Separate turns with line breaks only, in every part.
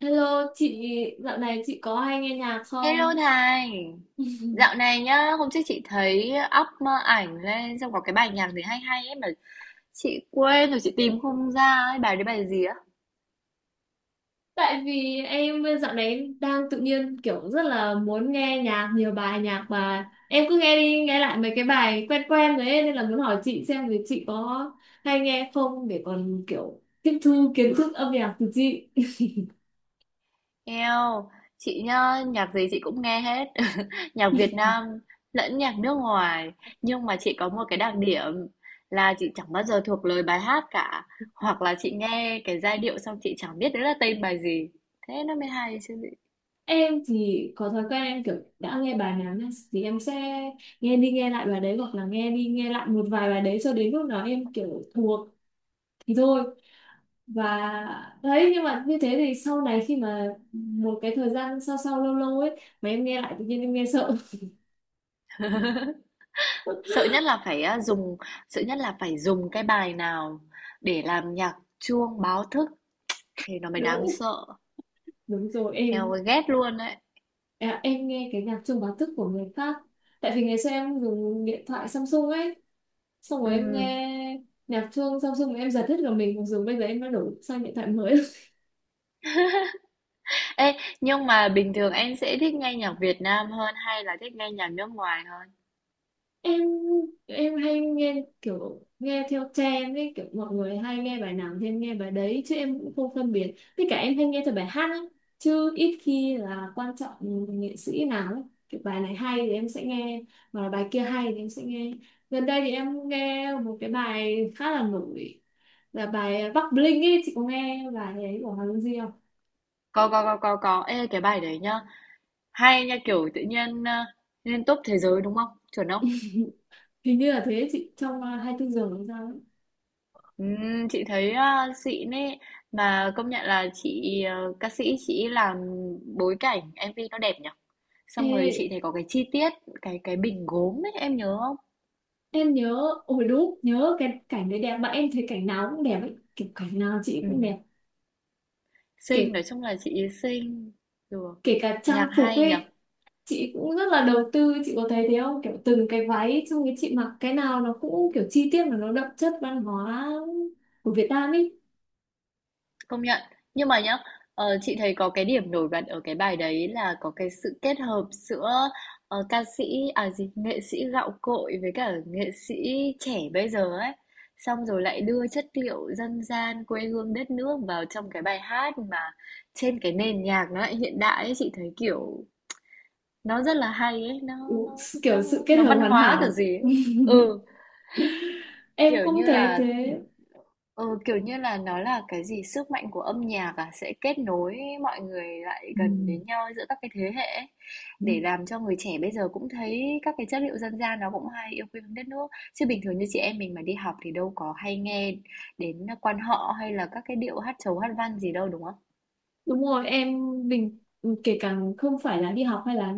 Hello chị, dạo này chị có hay nghe nhạc
Hello
không?
Thành, dạo này nhá, hôm trước chị thấy up ảnh lên xong có cái bài nhạc gì hay hay ấy mà chị quên rồi chị tìm không ra ấy, bài đấy bài gì á?
Tại vì em dạo này đang tự nhiên kiểu rất là muốn nghe nhạc, nhiều bài nhạc mà em cứ nghe đi nghe lại mấy cái bài quen quen đấy nên là muốn hỏi chị xem thì chị có hay nghe không để còn kiểu tiếp thu kiến thức âm nhạc từ chị.
Eo, chị nhá, nhạc gì chị cũng nghe hết, nhạc Việt Nam lẫn nhạc nước ngoài, nhưng mà chị có một cái đặc điểm là chị chẳng bao giờ thuộc lời bài hát cả, hoặc là chị nghe cái giai điệu xong chị chẳng biết đấy là tên bài gì, thế nó mới hay chứ.
Em thì có thói quen em kiểu đã nghe bài nào nhá, thì em sẽ nghe đi nghe lại bài đấy hoặc là nghe đi nghe lại một vài bài đấy cho đến lúc nào em kiểu thuộc thì thôi và đấy, nhưng mà như thế thì sau này khi mà một cái thời gian sau sau lâu lâu ấy mà em nghe lại tự nhiên em nghe sợ.
Sợ nhất là phải á, dùng Sợ nhất là phải dùng cái bài nào để làm nhạc chuông báo thức thì nó mới đáng
Đúng,
sợ.
đúng rồi em.
Eo ghét luôn đấy.
À, em nghe cái nhạc chuông báo thức của người khác tại vì ngày xưa em dùng điện thoại Samsung ấy, xong rồi em
Ừm.
nghe nhạc chuông Samsung em giật hết cả mình mặc dù bây giờ em đã đổi sang điện thoại mới.
Ê, nhưng mà bình thường em sẽ thích nghe nhạc Việt Nam hơn hay là thích nghe nhạc nước ngoài hơn?
Em em hay nghe kiểu nghe theo trend ấy, kiểu mọi người hay nghe bài nào thì em nghe bài đấy chứ em cũng không phân biệt tất cả, em hay nghe theo bài hát ấy. Chứ ít khi là quan trọng nghệ sĩ nào ấy. Kiểu bài này hay thì em sẽ nghe mà bài kia hay thì em sẽ nghe. Gần đây thì em nghe một cái bài khá là nổi là bài Bắc Bling ấy, chị có nghe bài ấy của Hoàng Dung Di không?
Có có. Ê cái bài đấy nhá. Hay nha, kiểu tự nhiên lên top thế giới đúng không? Chuẩn không?
Hình như là thế chị, trong 24 giờ làm sao ấy.
Chị thấy xịn ấy, mà công nhận là ca sĩ chị làm bối cảnh MV nó đẹp nhỉ. Xong rồi chị
Ê,
thấy có cái chi tiết, cái bình gốm ấy, em nhớ không?
em nhớ, ôi đúng, nhớ cái cảnh đấy đẹp mà em thấy cảnh nào cũng đẹp ấy, kiểu cảnh nào chị cũng đẹp,
Ừm, xinh,
kể
nói chung là chị ý xinh. Được.
kể cả trang
Nhạc
phục
hay nhở,
ấy chị cũng rất là đầu tư, chị có thấy thế không kiểu từng cái váy xong cái chị mặc cái nào nó cũng kiểu chi tiết mà nó đậm chất văn hóa của Việt Nam ấy.
công nhận. Nhưng mà nhá, chị thấy có cái điểm nổi bật ở cái bài đấy là có cái sự kết hợp giữa ờ, ca sĩ, à gì, nghệ sĩ gạo cội với cả nghệ sĩ trẻ bây giờ ấy. Xong rồi lại đưa chất liệu dân gian quê hương đất nước vào trong cái bài hát mà trên cái nền nhạc nó lại hiện đại ấy, chị thấy kiểu nó rất là hay ấy,
Ừ,
nó nó
kiểu sự kết
nó
hợp
văn
hoàn
hóa kiểu
hảo,
gì ấy. Ừ,
em
kiểu
cũng
như
thấy
là
thế.
ừ, kiểu như là nó là cái gì sức mạnh của âm nhạc à, sẽ kết nối mọi người lại gần đến nhau giữa các cái thế hệ ấy,
Ừ.
để làm cho người trẻ bây giờ cũng thấy các cái chất liệu dân gian nó cũng hay, yêu quê hương đất nước. Chứ bình thường như chị em mình mà đi học thì đâu có hay nghe đến quan họ hay là các cái điệu hát chầu hát văn gì đâu đúng không?
Đúng rồi, em bình, kể cả không phải là đi học hay là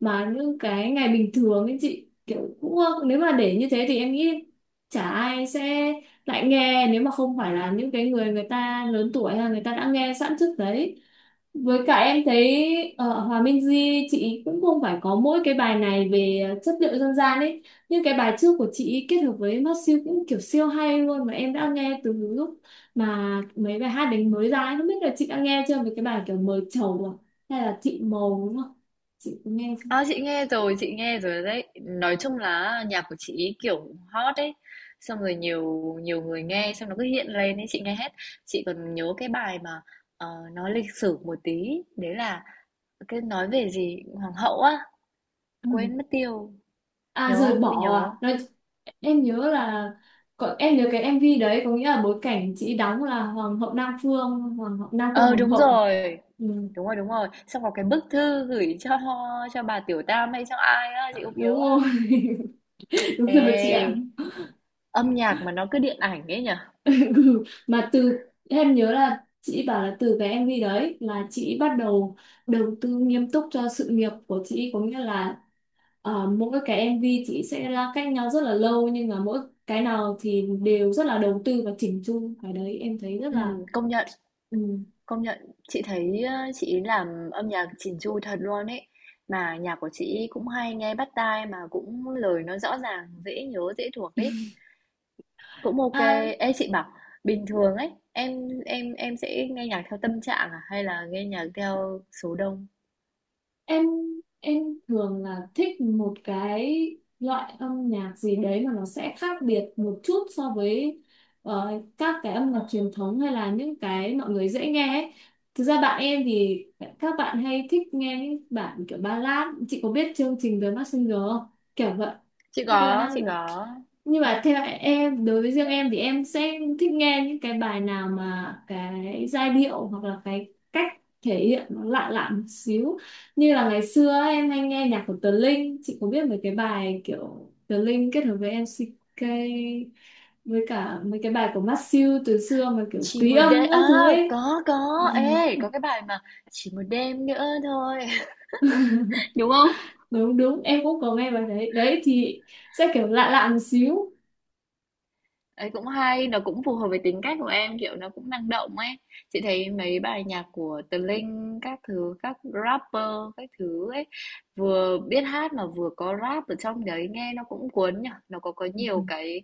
mà những cái ngày bình thường ấy chị kiểu cũng, nếu mà để như thế thì em nghĩ chả ai sẽ lại nghe nếu mà không phải là những cái người người ta lớn tuổi hay là người ta đã nghe sẵn trước đấy. Với cả em thấy ở Hòa Minh Di chị cũng không phải có mỗi cái bài này về chất liệu dân gian ấy, nhưng cái bài trước của chị kết hợp với mắt siêu cũng kiểu siêu hay luôn mà em đã nghe từ lúc mà mấy bài hát đấy mới ra ấy, không biết là chị đã nghe chưa về cái bài kiểu mời trầu à, hay là chị mầu đúng không, chị có nghe chưa?
À, chị nghe rồi đấy. Nói chung là nhạc của chị ý kiểu hot ấy. Xong rồi nhiều nhiều người nghe xong nó cứ hiện lên ấy, chị nghe hết. Chị còn nhớ cái bài mà ờ, nó lịch sử một tí, đấy là cái nói về gì hoàng hậu á,
Ừ.
quên mất tiêu,
À
nhớ
rời
không? Biết nhớ
bỏ
không?
à Nói, em nhớ là có, em nhớ cái MV đấy có nghĩa là bối cảnh chị đóng là hoàng hậu Nam Phương, hoàng hậu Nam Phương,
Ờ
hoàng
đúng
hậu.
rồi.
Ừ,
Đúng rồi, đúng rồi. Xong có cái bức thư gửi cho bà Tiểu Tam hay cho ai á, chị không nhớ.
đúng
À.
rồi. Đúng rồi chị ạ.
Ê, âm nhạc mà nó cứ điện ảnh ấy nhở?
Ừ, mà từ em nhớ là chị bảo là từ cái MV đấy là chị bắt đầu đầu tư nghiêm túc cho sự nghiệp của chị, có nghĩa là ờ, mỗi cái MV chị sẽ ra cách nhau rất là lâu nhưng mà mỗi cái nào thì đều rất là đầu tư và chỉnh chu, cái đấy em thấy rất
Ừ,
là
công nhận.
ừ.
Công nhận, chị thấy, ơ, chị làm âm nhạc chỉn chu thật luôn ấy. Mà nhạc của chị cũng hay nghe bắt tai, mà cũng lời nó rõ ràng, dễ nhớ, dễ thuộc ấy. Cũng ok.
À,
Ê, chị bảo, bình thường ấy, em sẽ nghe nhạc theo tâm trạng à hay là nghe nhạc theo số đông?
em em thường là thích một cái loại âm nhạc gì đấy mà nó sẽ khác biệt một chút so với các cái âm nhạc truyền thống hay là những cái mọi người dễ nghe ấy. Thực ra bạn em thì các bạn hay thích nghe những bản kiểu ballad, chị có biết chương trình The Masked Singer không, kiểu vậy,
Chị
những cái bài
có
hát,
chị có.
nhưng mà theo em, đối với riêng em thì em sẽ thích nghe những cái bài nào mà cái giai điệu hoặc là cái cách thể hiện nó lạ lạ một xíu. Như là ngày xưa ấy, em hay nghe nhạc của Tờ Linh, chị có biết mấy cái bài kiểu Tờ Linh kết hợp với MCK với cả mấy cái bài của Masew từ xưa mà kiểu
Chỉ
tùy
một đêm
âm các
à,
thứ ấy.
có có. Ê,
Ừ,
có cái bài mà Chỉ một đêm nữa thôi, đúng không?
đúng đúng, em cũng có nghe bài đấy đấy, thì sẽ kiểu lạ lạ một xíu.
Ấy, cũng hay, nó cũng phù hợp với tính cách của em, kiểu, nó cũng năng động ấy. Chị thấy mấy bài nhạc của Tờ Linh, các thứ, các rapper, các thứ ấy, vừa biết hát mà vừa có rap ở trong đấy, nghe nó cũng cuốn nhở. Nó có nhiều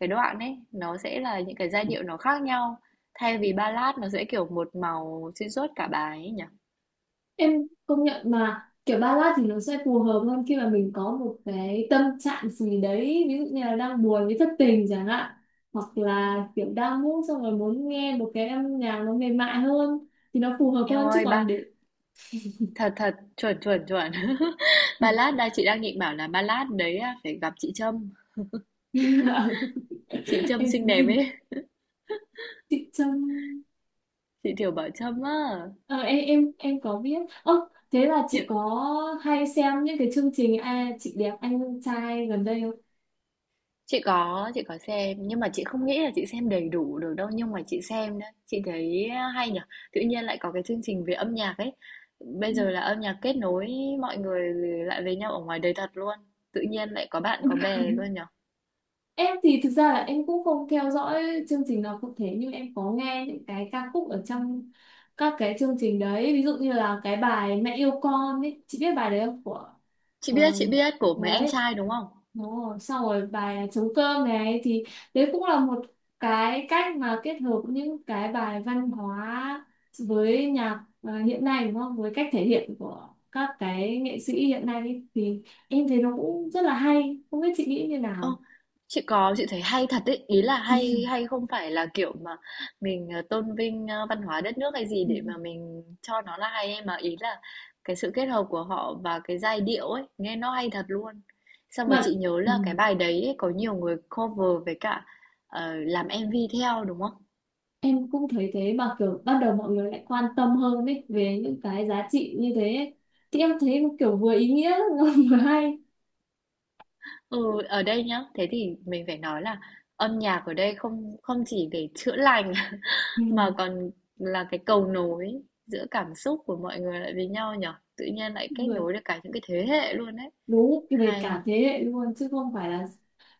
cái đoạn ấy, nó sẽ là những cái giai điệu nó khác nhau. Thay vì ballad nó sẽ kiểu một màu xuyên suốt cả bài ấy nhở.
Em công nhận mà kiểu ballad thì nó sẽ phù hợp hơn khi mà mình có một cái tâm trạng gì đấy, ví dụ như là đang buồn với thất tình chẳng hạn, hoặc là kiểu đang ngủ xong rồi muốn nghe một cái âm nhạc nó mềm mại hơn thì nó phù hợp
Em
hơn, chứ
ơi,
còn
ba,
để
thật thật, chuẩn chuẩn chuẩn. Ballad, đây chị đang định bảo là ballad đấy à, phải gặp chị Trâm. Chị Trâm xinh đẹp
em
ấy.
chị Trâm.
Chị Thiều Bảo Trâm á.
Ờ, em có biết. Ơ thế là chị
Những
có hay xem những cái chương trình à, chị đẹp anh trai gần đây không?
chị có, chị có xem, nhưng mà chị không nghĩ là chị xem đầy đủ được đâu, nhưng mà chị xem đấy chị thấy hay nhở, tự nhiên lại có cái chương trình về âm nhạc ấy, bây giờ là âm nhạc kết nối mọi người lại với nhau ở ngoài đời thật luôn, tự nhiên lại có bạn
Ừ.
có bè luôn nhở.
Em thì thực ra là em cũng không theo dõi chương trình nào cụ thể nhưng em có nghe những cái ca khúc ở trong các cái chương trình đấy, ví dụ như là cái bài Mẹ yêu con ấy, chị biết bài đấy không của
Chị
ờ,
biết chị biết của mấy anh
đấy,
trai đúng không.
đúng rồi. Sau rồi bài trống cơm này thì đấy cũng là một cái cách mà kết hợp những cái bài văn hóa với nhạc hiện nay đúng không, với cách thể hiện của các cái nghệ sĩ hiện nay ấy. Thì em thấy nó cũng rất là hay, không biết chị nghĩ như
Ơ,
nào.
chị có, chị thấy hay thật ấy, ý là hay, hay không phải là kiểu mà mình tôn vinh văn hóa đất nước hay gì
Ừ.
để mà mình cho nó là hay ấy, mà ý là cái sự kết hợp của họ và cái giai điệu ấy nghe nó hay thật luôn, xong rồi
Mà
chị nhớ
ừ,
là cái bài đấy ấy, có nhiều người cover với cả làm MV theo, đúng không.
em cũng thấy thế mà kiểu ban đầu mọi người lại quan tâm hơn ấy về những cái giá trị như thế ấy. Thì em thấy kiểu vừa ý nghĩa vừa hay.
Ừ ở đây nhá, thế thì mình phải nói là âm nhạc ở đây không không chỉ để chữa lành
Ừ.
mà còn là cái cầu nối giữa cảm xúc của mọi người lại với nhau nhở. Tự nhiên lại kết
Vừa
nối được cả những cái thế hệ luôn đấy.
đúng về
Hay,
cả thế hệ luôn chứ không phải là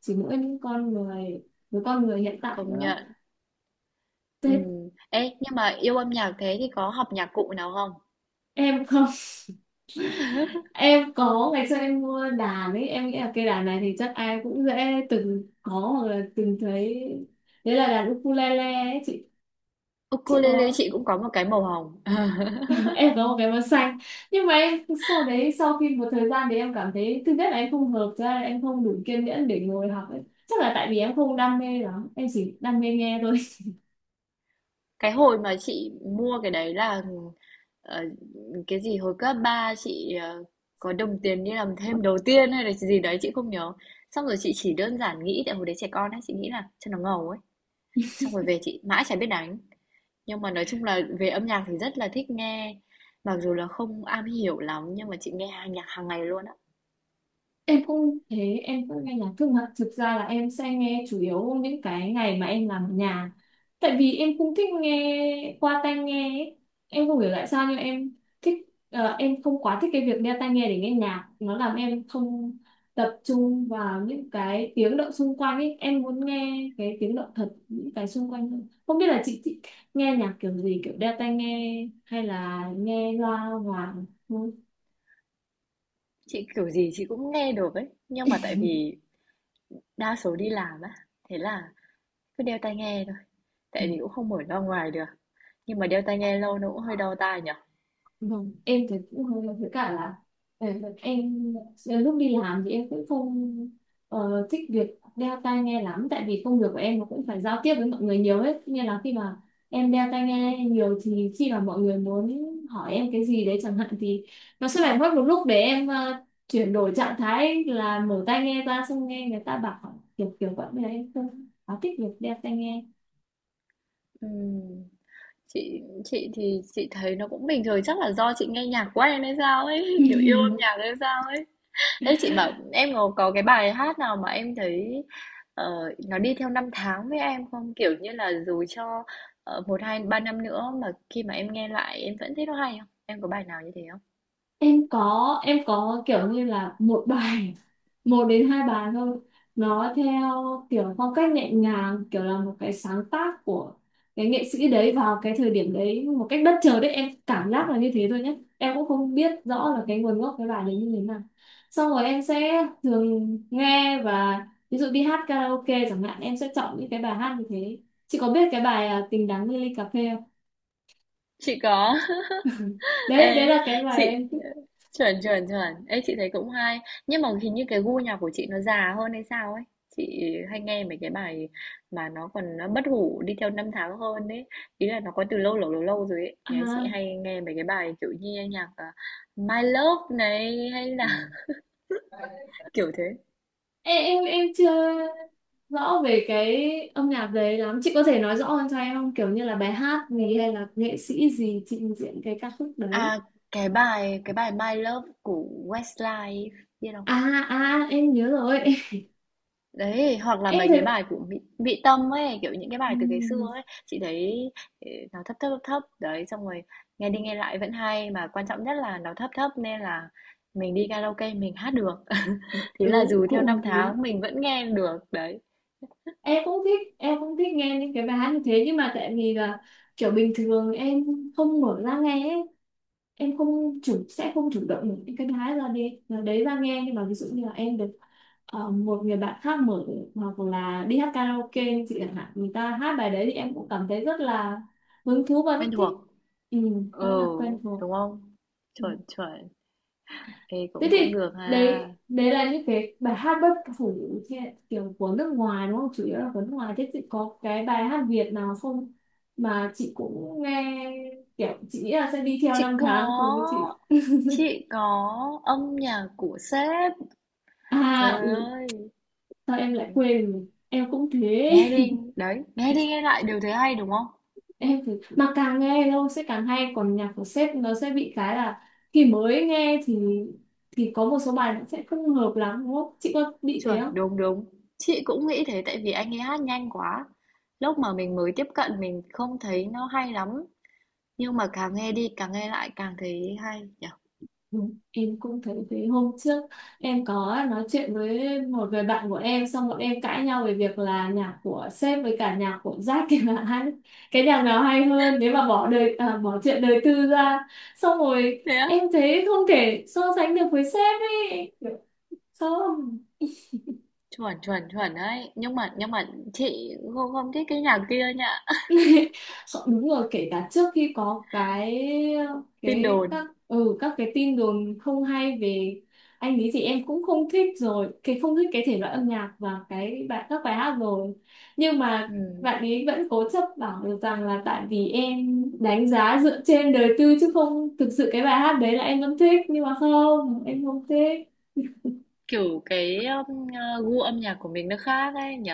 chỉ mỗi những con người với con người hiện tại
công
nữa
nhận.
thế.
Ừm. Ê, nhưng mà yêu âm nhạc thế thì có học nhạc cụ nào không?
Em không. Em có, ngày xưa em mua đàn ấy, em nghĩ là cây đàn này thì chắc ai cũng dễ từng có hoặc là từng thấy, đấy là đàn ukulele ấy chị. Chị
Ukulele
có.
chị cũng có một cái màu hồng.
Em có một cái màu xanh, nhưng mà em sau đấy, sau khi một thời gian thì em cảm thấy thứ nhất là em không hợp, thứ hai là em không đủ kiên nhẫn để ngồi học ấy. Chắc là tại vì em không đam mê lắm, em chỉ đam mê nghe thôi.
Cái hồi mà chị mua cái đấy là ờ, cái gì hồi cấp 3 chị có đồng tiền đi làm thêm đầu tiên hay là gì đấy chị không nhớ. Xong rồi chị chỉ đơn giản nghĩ tại hồi đấy trẻ con ấy, chị nghĩ là cho nó ngầu ấy. Xong rồi về chị mãi chả biết đánh. Nhưng mà nói chung là về âm nhạc thì rất là thích nghe, mặc dù là không am hiểu lắm nhưng mà chị nghe hàng nhạc hàng ngày luôn á.
Em cũng thế, em cũng nghe nhạc nhưng mà thực ra là em sẽ nghe chủ yếu những cái ngày mà em làm ở nhà. Tại vì em cũng thích nghe qua tai nghe ấy. Em không hiểu tại sao nhưng em thích em không quá thích cái việc đeo tai nghe để nghe nhạc, nó làm em không tập trung vào những cái tiếng động xung quanh ấy. Em muốn nghe cái tiếng động thật, những cái xung quanh hơn. Không biết là chị thích nghe nhạc kiểu gì, kiểu đeo tai nghe hay là nghe loa ngoài thôi.
Chị kiểu gì chị cũng nghe được ấy, nhưng mà tại vì đa số đi làm á, thế là cứ đeo tai nghe thôi, tại vì cũng không mở ra ngoài được. Nhưng mà đeo tai nghe lâu nó cũng hơi đau tai nhở.
Vâng, em thì cũng hơi với cả là ờ, em lúc đi làm thì em cũng không thích việc đeo tai nghe lắm tại vì công việc của em nó cũng phải giao tiếp với mọi người nhiều hết, nên là khi mà em đeo tai nghe nhiều thì khi mà mọi người muốn hỏi em cái gì đấy chẳng hạn thì nó sẽ phải mất một lúc để em chuyển đổi trạng thái là mở tai nghe ra xong nghe người ta bảo kiểu kiểu vậy, nên là em không quá thích việc đeo tai nghe.
Ừm, chị thì chị thấy nó cũng bình thường, chắc là do chị nghe nhạc quen hay sao ấy, kiểu yêu âm nhạc hay sao ấy. Ê chị bảo em có cái bài hát nào mà em thấy ờ, nó đi theo năm tháng với em không? Kiểu như là dù cho một hai ba năm nữa mà khi mà em nghe lại em vẫn thấy nó hay không? Em có bài nào như thế không?
Em có kiểu như là một bài, một đến hai bài thôi, nó theo kiểu phong cách nhẹ nhàng kiểu là một cái sáng tác của cái nghệ sĩ đấy vào cái thời điểm đấy một cách bất chợt đấy, em cảm giác là như thế thôi nhé, em cũng không biết rõ là cái nguồn gốc cái bài đấy như thế nào. Xong rồi em sẽ thường nghe và ví dụ đi hát karaoke chẳng hạn em sẽ chọn những cái bài hát như thế. Chị có biết cái bài à, tình đắng như ly cà phê không?
Chị có.
Đấy, đấy
Ê,
là cái bài
chị
em thích.
chuẩn chuẩn chuẩn. Ê, chị thấy cũng hay, nhưng mà hình như cái gu nhạc của chị nó già hơn hay sao ấy, chị hay nghe mấy cái bài mà nó còn nó bất hủ đi theo năm tháng hơn đấy, ý là nó có từ lâu lâu lâu lâu rồi ấy. Nghe chị
À,
hay nghe mấy cái bài kiểu như nhạc à, My Love này hay là kiểu thế.
ê, em chưa rõ về cái âm nhạc đấy lắm, chị có thể nói rõ hơn cho em không, kiểu như là bài hát gì hay là nghệ sĩ gì trình diễn cái ca khúc đấy?
À cái bài My Love của Westlife biết
À,
không.
à em nhớ rồi.
Đấy, hoặc là
Em
mấy cái
thấy
bài của Mỹ Mỹ Tâm ấy, kiểu những cái bài từ ngày xưa
ừm,
ấy, chị thấy, ờ, nó thấp, đấy, xong rồi nghe đi nghe lại vẫn hay, mà quan trọng nhất là nó thấp thấp nên là mình đi karaoke mình hát được. Thế là
đúng,
dù theo
cũng
năm
hợp lý.
tháng mình vẫn nghe được, đấy,
Em cũng thích nghe những cái bài hát như thế nhưng mà tại vì là kiểu bình thường em không mở ra nghe ấy. Em không chủ, sẽ không chủ động mở những cái đá ra đi là đấy ra nghe, nhưng mà ví dụ như là em được một người bạn khác mở hoặc là đi hát karaoke chị chẳng hạn, người ta hát bài đấy thì em cũng cảm thấy rất là hứng thú và
quen
rất
thuộc.
thích. Ừ, rất là
Ừ,
quen thuộc.
đúng không?
Ừ.
Chuẩn, chuẩn. Ê,
Thế
cũng cũng
thì
được ha.
đấy đấy là những cái bài hát bất hủ theo kiểu của nước ngoài đúng không, chủ yếu là của nước ngoài, thế chị có cái bài hát Việt nào không mà chị cũng nghe kiểu chị nghĩ là sẽ đi theo
Chị
năm
có,
tháng cùng với chị?
chị có âm nhạc của sếp.
À
Trời
ừ,
ơi.
sao em lại quên, em cũng thế.
Nghe đi, đấy, nghe đi nghe lại đều thấy hay đúng không?
Em thì mà càng nghe lâu sẽ càng hay, còn nhạc của sếp nó sẽ bị cái là khi mới nghe thì có một số bài nó sẽ không hợp lắm, đúng không chị, có bị thế
Chuẩn,
không?
đúng đúng. Chị cũng nghĩ thế tại vì anh ấy hát nhanh quá. Lúc mà mình mới tiếp cận mình không thấy nó hay lắm, nhưng mà càng nghe đi càng nghe lại càng thấy hay nhỉ.
Ừ. Em cũng thấy thế. Hôm trước em có nói chuyện với một người bạn của em xong bọn em cãi nhau về việc là nhạc của sếp với cả nhạc của Jack thì là hai cái nhạc nào hay hơn, nếu mà bỏ đời à, bỏ chuyện đời tư ra, xong rồi
Thế á?
em thấy không thể so sánh được với sếp ấy, không.
Chuẩn chuẩn chuẩn đấy. Nhưng mà chị không không thích cái nhạc kia nhá.
Sợ- đúng rồi, kể cả trước khi có cái
Tin đồn.
các cái tin đồn không hay về anh ấy thì em cũng không thích rồi cái, không thích cái thể loại âm nhạc và cái bài, các bài hát rồi, nhưng
Ừ.
mà bạn ấy vẫn cố chấp bảo được rằng là tại vì em đánh giá dựa trên đời tư chứ không thực sự cái bài hát đấy là em vẫn thích, nhưng mà không, em không thích.
Kiểu cái gu âm nhạc của mình nó khác ấy nhỉ.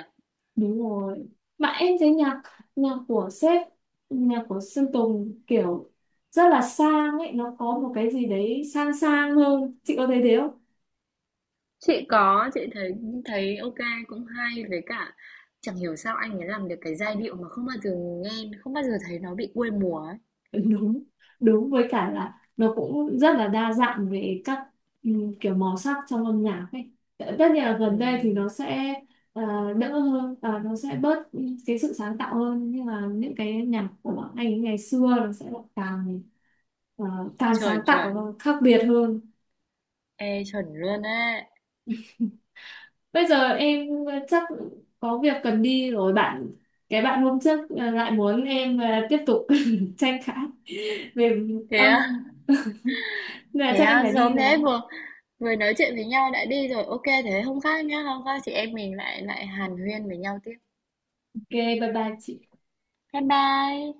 Đúng rồi. Mà em thấy nhạc nhạc của sếp, nhạc của Sơn Tùng kiểu rất là sang ấy, nó có một cái gì đấy sang sang hơn, chị có thấy thế không?
Chị có, chị thấy thấy ok, cũng hay, với cả chẳng hiểu sao anh ấy làm được cái giai điệu mà không bao giờ nghe, không bao giờ thấy nó bị quê mùa ấy.
Đúng, đúng với cả là nó cũng rất là đa dạng về các kiểu màu sắc trong âm nhạc ấy, tất nhiên là gần đây thì nó
Ừm,
sẽ đỡ hơn, nó sẽ bớt cái sự sáng tạo hơn nhưng mà những cái nhạc của anh ấy ngày xưa nó sẽ lại càng ờ, càng
chuẩn
sáng tạo và
chuẩn,
khác biệt hơn.
ê chuẩn luôn ấy.
Bây giờ em chắc có việc cần đi rồi, cái bạn hôm trước lại muốn em tiếp tục tranh cãi về
Thế
âm,
á,
nên là
thế
chắc em
á,
phải đi
sớm
rồi.
thế, vừa vừa nói chuyện với nhau đã đi rồi. Ok thế hôm khác nhá, hôm khác chị em mình lại lại hàn huyên với nhau tiếp.
Ok, bye bye chị.
Bye bye.